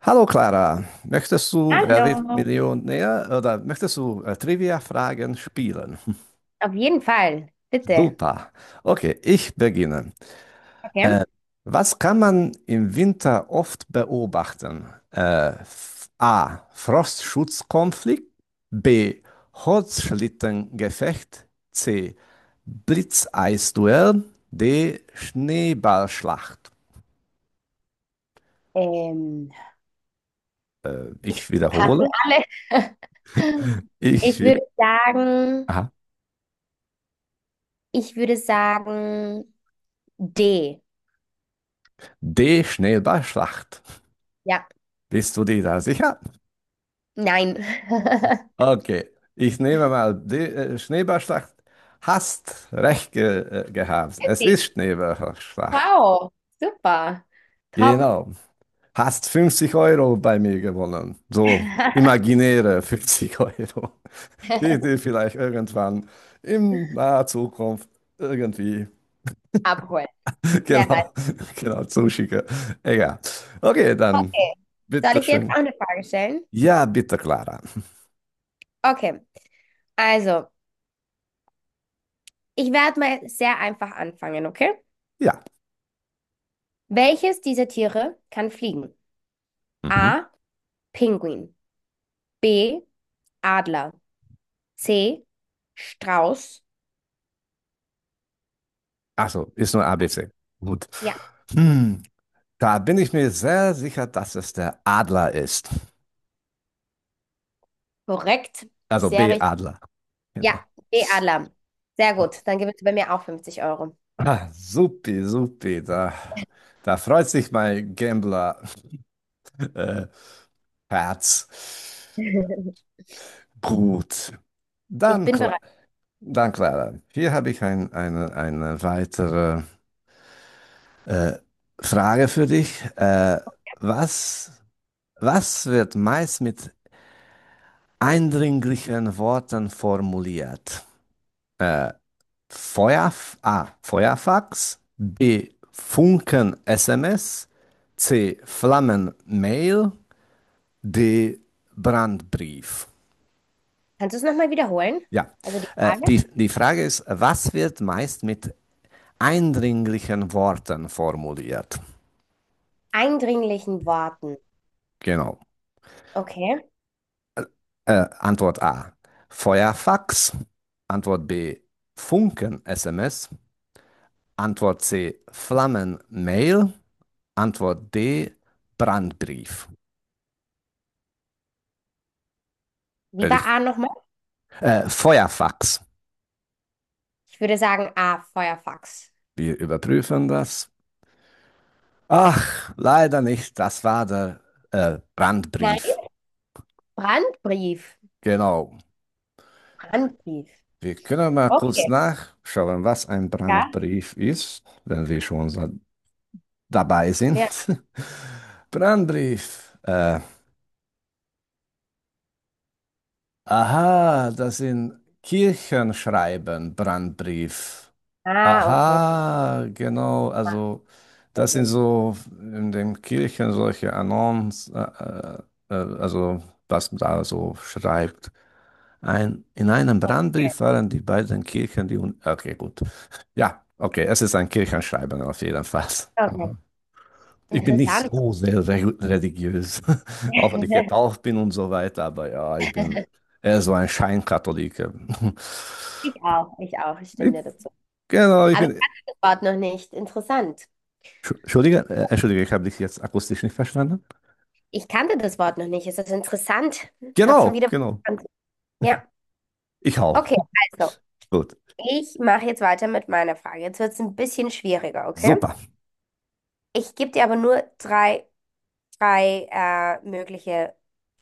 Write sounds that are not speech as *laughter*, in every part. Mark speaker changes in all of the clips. Speaker 1: Hallo Clara, möchtest du Wer wird
Speaker 2: Hallo.
Speaker 1: Millionär oder möchtest du Trivia-Fragen spielen?
Speaker 2: Auf jeden Fall, bitte.
Speaker 1: Super. Okay, ich beginne.
Speaker 2: Okay.
Speaker 1: Äh, was kann man im Winter oft beobachten? A. Frostschutzkonflikt. B. Holzschlittengefecht. C. Blitzeisduell. D. Schneeballschlacht.
Speaker 2: Ähm,
Speaker 1: Ich
Speaker 2: passen
Speaker 1: wiederhole.
Speaker 2: alle. *laughs*
Speaker 1: Ich,
Speaker 2: Ich würde
Speaker 1: wi-
Speaker 2: sagen,
Speaker 1: aha.
Speaker 2: ich würde sagen D.
Speaker 1: D. Schneeballschlacht.
Speaker 2: Ja,
Speaker 1: Bist du dir da sicher?
Speaker 2: nein. *laughs*
Speaker 1: Okay, ich nehme mal die Schneeballschlacht. Hast recht ge gehabt. Es ist
Speaker 2: Okay.
Speaker 1: Schneeballschlacht.
Speaker 2: Wow, super. Top.
Speaker 1: Genau. Hast 50 € bei mir gewonnen. So
Speaker 2: *laughs*
Speaker 1: imaginäre *laughs* 50 Euro, die dir vielleicht irgendwann in naher Zukunft irgendwie
Speaker 2: Abholen.
Speaker 1: *laughs*
Speaker 2: Wer
Speaker 1: genau,
Speaker 2: weiß.
Speaker 1: genau zuschicke. Egal. Okay, dann
Speaker 2: Okay. Soll ich dir jetzt
Speaker 1: bitteschön.
Speaker 2: auch eine Frage stellen?
Speaker 1: Ja, bitte, Clara.
Speaker 2: Okay. Also, ich werde mal sehr einfach anfangen, okay?
Speaker 1: Ja.
Speaker 2: Welches dieser Tiere kann fliegen?
Speaker 1: Mhm.
Speaker 2: A. Pinguin. B. Adler. C. Strauß.
Speaker 1: Achso, ist nur ABC. Gut.
Speaker 2: Ja,
Speaker 1: Hm, da bin ich mir sehr sicher, dass es der Adler ist.
Speaker 2: korrekt,
Speaker 1: Also
Speaker 2: sehr
Speaker 1: B,
Speaker 2: richtig.
Speaker 1: Adler.
Speaker 2: Ja,
Speaker 1: Genau.
Speaker 2: B. Adler. Sehr
Speaker 1: Äh,
Speaker 2: gut. Dann gibt es bei mir auch 50 Euro.
Speaker 1: Supi, supi, da freut sich mein Gambler, *laughs* äh, Herz.
Speaker 2: *laughs*
Speaker 1: Gut.
Speaker 2: Ich
Speaker 1: Dann,
Speaker 2: bin bereit.
Speaker 1: Cla- dann Clara, hier habe ich eine weitere äh, Frage für dich. Was, was wird meist mit eindringlichen Worten formuliert? Feuerf A. Feuerfax, B. Funken-SMS, C. Flammen-Mail, D. Brandbrief.
Speaker 2: Kannst du es nochmal wiederholen?
Speaker 1: Ja,
Speaker 2: Also die Frage.
Speaker 1: die Frage ist, was wird meist mit eindringlichen Worten formuliert?
Speaker 2: Eindringlichen Worten.
Speaker 1: Genau.
Speaker 2: Okay.
Speaker 1: Antwort A. Feuerfax. Antwort B. Funken-SMS. Antwort C. Flammen-Mail. Antwort D, Brandbrief.
Speaker 2: Wie
Speaker 1: Äh,
Speaker 2: war A nochmal?
Speaker 1: Feuerfax.
Speaker 2: Ich würde sagen A. Feuerfax.
Speaker 1: Wir überprüfen das. Ach, leider nicht. Das war der
Speaker 2: Nein.
Speaker 1: Brandbrief.
Speaker 2: Brandbrief.
Speaker 1: Genau.
Speaker 2: Brandbrief.
Speaker 1: Wir können mal kurz
Speaker 2: Okay.
Speaker 1: nachschauen, was ein
Speaker 2: Ja.
Speaker 1: Brandbrief ist, wenn wir schon so dabei sind.
Speaker 2: Ja.
Speaker 1: *laughs* Brandbrief. Aha, das sind Kirchenschreiben, Brandbrief.
Speaker 2: Ah, okay.
Speaker 1: Aha, genau,
Speaker 2: Macht
Speaker 1: also
Speaker 2: mehr
Speaker 1: das sind
Speaker 2: Sinn.
Speaker 1: so in den Kirchen solche Annons, also was man da so schreibt. In einem
Speaker 2: Okay.
Speaker 1: Brandbrief waren die beiden Kirchen, die. Un okay, gut. Ja, okay, es ist ein Kirchenschreiben auf jeden Fall.
Speaker 2: Okay.
Speaker 1: Mhm. Ich bin nicht
Speaker 2: Interessant.
Speaker 1: so sehr re religiös, *laughs* auch wenn
Speaker 2: *laughs*
Speaker 1: ich getauft bin und so weiter, aber ja, ich bin eher so ein Scheinkatholiker. *laughs*
Speaker 2: Ich auch. Ich auch. Ich stimme
Speaker 1: Ich,
Speaker 2: dir dazu.
Speaker 1: genau, ich
Speaker 2: Aber
Speaker 1: bin.
Speaker 2: Wort noch nicht. Interessant.
Speaker 1: Entschuldige, ich habe dich jetzt akustisch nicht verstanden.
Speaker 2: Ich kannte das Wort noch nicht. Ist das interessant? Hab schon
Speaker 1: Genau,
Speaker 2: wieder
Speaker 1: genau.
Speaker 2: was gelernt. Ja,
Speaker 1: Ich auch.
Speaker 2: okay, also.
Speaker 1: Gut.
Speaker 2: Ich mache jetzt weiter mit meiner Frage. Jetzt wird es ein bisschen schwieriger, okay?
Speaker 1: Super.
Speaker 2: Ich gebe dir aber nur drei, drei mögliche,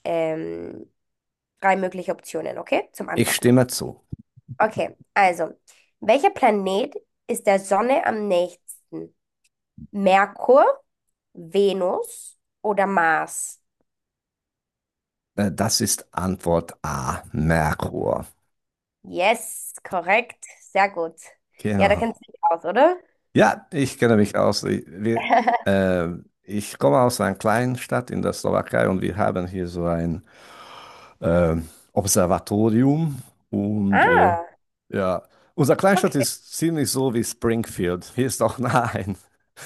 Speaker 2: ähm, drei mögliche Optionen, okay? Zum
Speaker 1: Ich
Speaker 2: Antworten.
Speaker 1: stimme zu.
Speaker 2: Okay, also, welcher Planet ist der Sonne am nächsten? Merkur, Venus oder Mars?
Speaker 1: Das ist Antwort A, Merkur.
Speaker 2: Yes, korrekt. Sehr gut. Ja, da kennst
Speaker 1: Genau.
Speaker 2: du dich aus, oder?
Speaker 1: Ja, ich kenne mich aus.
Speaker 2: *laughs*
Speaker 1: Äh, ich komme aus einer kleinen Stadt in der Slowakei und wir haben hier so ein ähm, Observatorium. Und
Speaker 2: Ah,
Speaker 1: ja, unsere Kleinstadt
Speaker 2: okay.
Speaker 1: ist ziemlich so wie Springfield. Hier ist auch *laughs* nah ein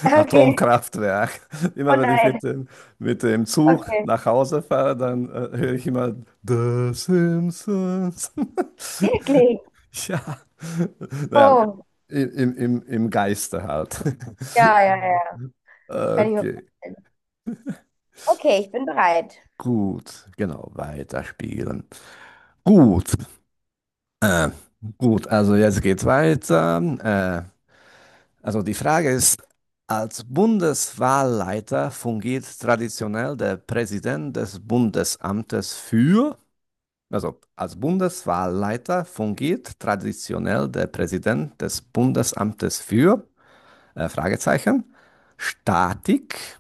Speaker 2: Okay.
Speaker 1: Atomkraftwerk. *laughs*
Speaker 2: Oh
Speaker 1: Immer wenn ich
Speaker 2: nein.
Speaker 1: mit dem Zug
Speaker 2: Okay.
Speaker 1: nach Hause fahre, dann höre ich immer The Simpsons. *laughs*
Speaker 2: Wirklich?
Speaker 1: Ja, naja,
Speaker 2: Oh.
Speaker 1: im Geiste halt.
Speaker 2: Ja,
Speaker 1: *laughs*
Speaker 2: ja, ja. Kann ich mir
Speaker 1: Okay,
Speaker 2: vorstellen. Okay, ich bin bereit.
Speaker 1: gut, genau, weiterspielen. Gut, äh, gut, also jetzt geht's weiter. Also die Frage ist, als Bundeswahlleiter fungiert traditionell der Präsident des Bundesamtes für. Also, als Bundeswahlleiter fungiert traditionell der Präsident des Bundesamtes für Fragezeichen, Statik,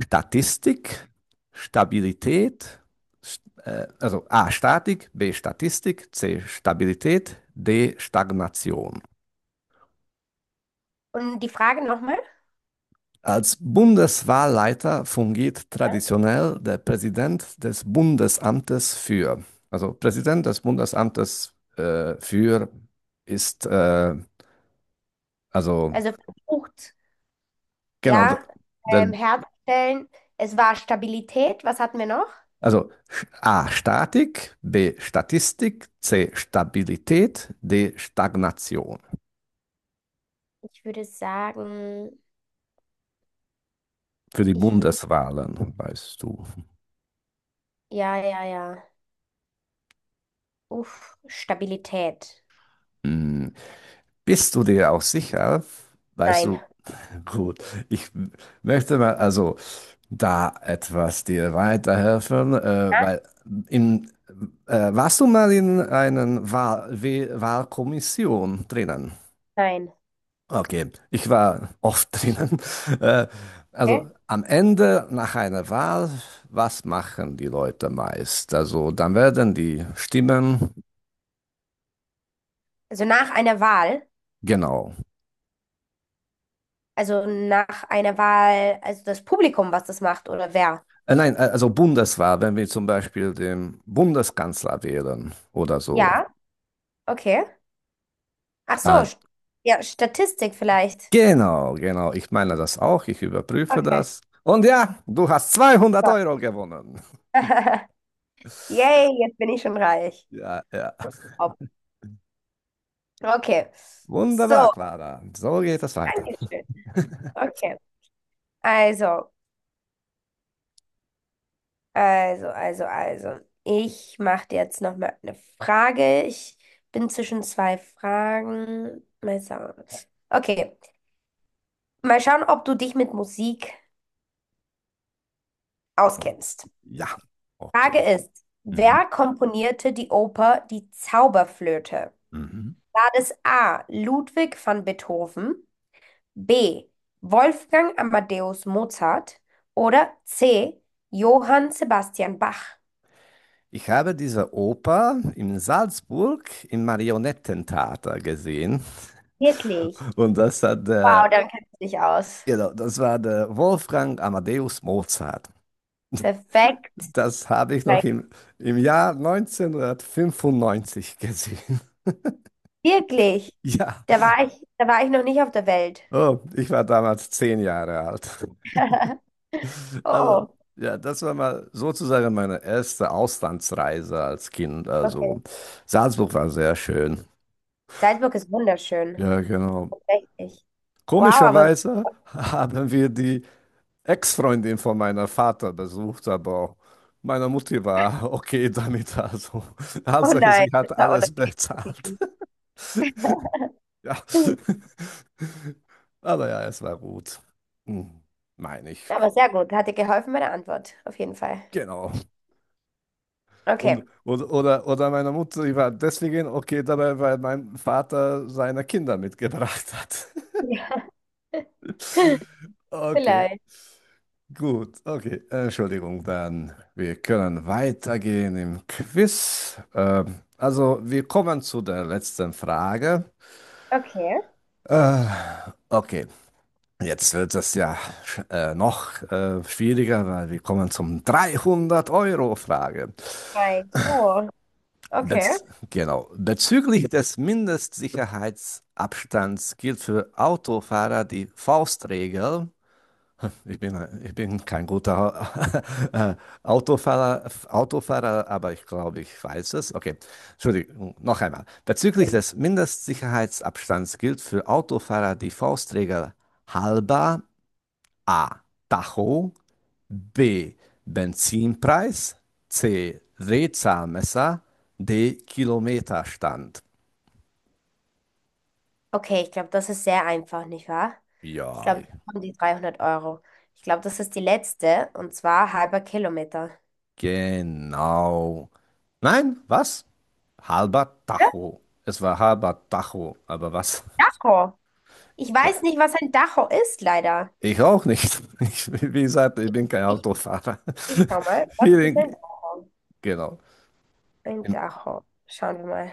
Speaker 1: Statistik, Stabilität, also A Statik, B Statistik, C Stabilität, D Stagnation.
Speaker 2: Und die Frage nochmal?
Speaker 1: Als Bundeswahlleiter fungiert traditionell der Präsident des Bundesamtes für. Also Präsident des Bundesamtes für ist also,
Speaker 2: Also versucht,
Speaker 1: genau,
Speaker 2: ja,
Speaker 1: der,
Speaker 2: herzustellen. Es war Stabilität. Was hatten wir noch?
Speaker 1: also A, Statik, B, Statistik, C, Stabilität, D, Stagnation.
Speaker 2: Ich würde sagen,
Speaker 1: Für die
Speaker 2: ich würde,
Speaker 1: Bundeswahlen, weißt du.
Speaker 2: ja, ja, ja. Uff, Stabilität.
Speaker 1: Hm, Bist du dir auch sicher? Weißt
Speaker 2: Nein.
Speaker 1: du, gut, ich möchte mal also da etwas dir weiterhelfen,
Speaker 2: Ja?
Speaker 1: weil in, warst du mal in einer Wahlkommission drinnen?
Speaker 2: Nein.
Speaker 1: Okay, ich war oft drinnen. *laughs* Äh,
Speaker 2: Okay.
Speaker 1: also am Ende nach einer Wahl, was machen die Leute meist? Also dann werden die Stimmen,
Speaker 2: Also nach einer Wahl.
Speaker 1: genau.
Speaker 2: Also nach einer Wahl, also das Publikum, was das macht oder wer?
Speaker 1: Nein, also Bundeswahl, wenn wir zum Beispiel den Bundeskanzler wählen oder so.
Speaker 2: Ja, okay. Ach so,
Speaker 1: Dann,
Speaker 2: st- ja, Statistik vielleicht.
Speaker 1: genau, genau, ich meine das auch, ich überprüfe
Speaker 2: Okay.
Speaker 1: das. Und ja, du hast 200
Speaker 2: Ja.
Speaker 1: Euro gewonnen.
Speaker 2: *laughs*
Speaker 1: *laughs*
Speaker 2: Yay, jetzt bin ich schon reich.
Speaker 1: Ja, ja.
Speaker 2: Hopp. Okay.
Speaker 1: Wunderbar,
Speaker 2: So,
Speaker 1: Clara. So geht es weiter.
Speaker 2: Dankeschön.
Speaker 1: *laughs*
Speaker 2: Okay. Also, also. Ich mache dir jetzt noch mal eine Frage. Ich bin zwischen zwei Fragen. Mal schauen. Okay. Mal schauen, ob du dich mit Musik auskennst.
Speaker 1: Ja,
Speaker 2: Frage
Speaker 1: okay.
Speaker 2: ist,
Speaker 1: Mhm.
Speaker 2: wer komponierte die Oper Die Zauberflöte?
Speaker 1: Mhm.
Speaker 2: War es A. Ludwig van Beethoven, B. Wolfgang Amadeus Mozart oder C. Johann Sebastian Bach?
Speaker 1: Ich habe diese Oper in Salzburg im Marionettentheater gesehen.
Speaker 2: Wirklich?
Speaker 1: Und das hat
Speaker 2: Wow,
Speaker 1: der,
Speaker 2: dann kennst du dich aus.
Speaker 1: genau, das war der Wolfgang Amadeus Mozart.
Speaker 2: Perfekt.
Speaker 1: Das habe ich
Speaker 2: Nein,
Speaker 1: noch im Jahr 1995 gesehen. *laughs*
Speaker 2: wirklich?
Speaker 1: Ja,
Speaker 2: Da war ich noch nicht auf der Welt.
Speaker 1: oh, ich war damals 10 Jahre alt.
Speaker 2: *laughs*
Speaker 1: *laughs* Aber
Speaker 2: Oh,
Speaker 1: ja, das war mal sozusagen meine erste Auslandsreise als Kind.
Speaker 2: okay.
Speaker 1: Also Salzburg war sehr schön.
Speaker 2: Salzburg ist wunderschön.
Speaker 1: Ja, genau.
Speaker 2: Richtig. Wow, aber
Speaker 1: Komischerweise *laughs* haben wir die Ex-Freundin von meiner Vater besucht, aber meiner Mutti war *laughs* okay damit. Also, *laughs*
Speaker 2: oh
Speaker 1: Hauptsache,
Speaker 2: nein,
Speaker 1: sie
Speaker 2: das
Speaker 1: hat
Speaker 2: war
Speaker 1: alles bezahlt.
Speaker 2: unangenehm.
Speaker 1: *laughs* Ja,
Speaker 2: Ja,
Speaker 1: aber ja, es war gut. Hm, Meine ich.
Speaker 2: aber sehr gut, hat dir geholfen meine Antwort, auf jeden Fall.
Speaker 1: Genau.
Speaker 2: Okay.
Speaker 1: Oder meine Mutter, die war deswegen okay dabei, weil mein Vater seine Kinder mitgebracht hat.
Speaker 2: Ja,
Speaker 1: *laughs*
Speaker 2: *laughs*
Speaker 1: Okay.
Speaker 2: vielleicht.
Speaker 1: Gut, okay. Entschuldigung, dann wir können weitergehen im Quiz. Also wir kommen zu der letzten Frage.
Speaker 2: Okay.
Speaker 1: Äh, okay, jetzt wird es ja noch schwieriger, weil wir kommen zum 300-Euro-Frage.
Speaker 2: Nein. Oh, okay.
Speaker 1: Bez genau. Bezüglich des Mindestsicherheitsabstands gilt für Autofahrer die Faustregel. Ich bin, ich bin kein guter *laughs* Autofahrer, Autofahrer, aber ich glaube, ich weiß es. Okay, Entschuldigung, noch einmal. Bezüglich des Mindestsicherheitsabstands gilt für Autofahrer die Faustregel halber A. Tacho, B. Benzinpreis, C. Drehzahlmesser, D. Kilometerstand.
Speaker 2: Okay, ich glaube, das ist sehr einfach, nicht wahr? Ich
Speaker 1: Ja,
Speaker 2: glaube,
Speaker 1: ich
Speaker 2: ich bekomme die 300 Euro. Ich glaube, das ist die letzte, und zwar halber Kilometer.
Speaker 1: Genau. Nein, was? Halber
Speaker 2: Ja,
Speaker 1: Tacho. Es war halber Tacho, aber was?
Speaker 2: Dacho. Ich weiß nicht, was ein Dacho ist, leider.
Speaker 1: Ich auch nicht. *laughs* Ich, wie gesagt, ich bin kein
Speaker 2: Ich,
Speaker 1: Autofahrer.
Speaker 2: ich schau
Speaker 1: *laughs*
Speaker 2: mal, was ist ein
Speaker 1: Vielen,
Speaker 2: Dacho?
Speaker 1: genau.
Speaker 2: Ein
Speaker 1: Im-
Speaker 2: Dacho. Schauen wir mal.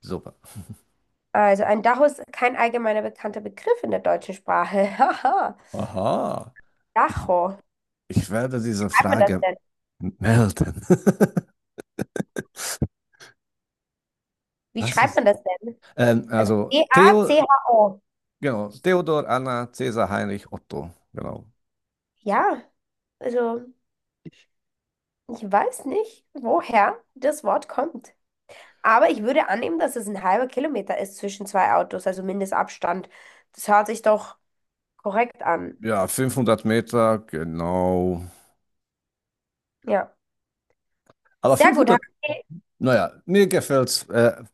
Speaker 1: Super.
Speaker 2: Also, ein Dacho ist kein allgemeiner bekannter Begriff in der deutschen Sprache. *laughs* Haha.
Speaker 1: Aha. Ich,
Speaker 2: Dacho.
Speaker 1: ich werde
Speaker 2: Wie
Speaker 1: diese
Speaker 2: schreibt man das
Speaker 1: Frage
Speaker 2: denn?
Speaker 1: melden. *laughs*
Speaker 2: Wie
Speaker 1: Was
Speaker 2: schreibt
Speaker 1: ist?
Speaker 2: man das denn?
Speaker 1: Ähm,
Speaker 2: Also
Speaker 1: also
Speaker 2: DACHO.
Speaker 1: genau, Theodor, Anna, Cäsar, Heinrich, Otto. Genau.
Speaker 2: Ja, also ich weiß nicht, woher das Wort kommt. Aber ich würde annehmen, dass es ein halber Kilometer ist zwischen zwei Autos, also Mindestabstand. Das hört sich doch korrekt an.
Speaker 1: Ja, 500 Meter, genau.
Speaker 2: Ja.
Speaker 1: Aber
Speaker 2: Sehr gut,
Speaker 1: 500,
Speaker 2: Heidi.
Speaker 1: naja, mir gefällt's. Äh,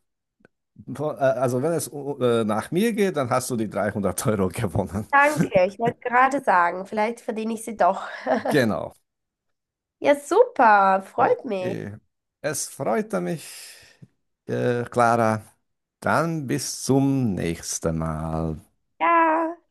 Speaker 1: po- äh, also wenn es nach mir geht, dann hast du die 300 € gewonnen. *laughs*
Speaker 2: Danke. Ich wollte gerade sagen, vielleicht verdiene ich sie doch.
Speaker 1: Genau.
Speaker 2: Ja, super, freut mich.
Speaker 1: Okay. Es freute mich, Clara. Dann bis zum nächsten Mal.
Speaker 2: Ja.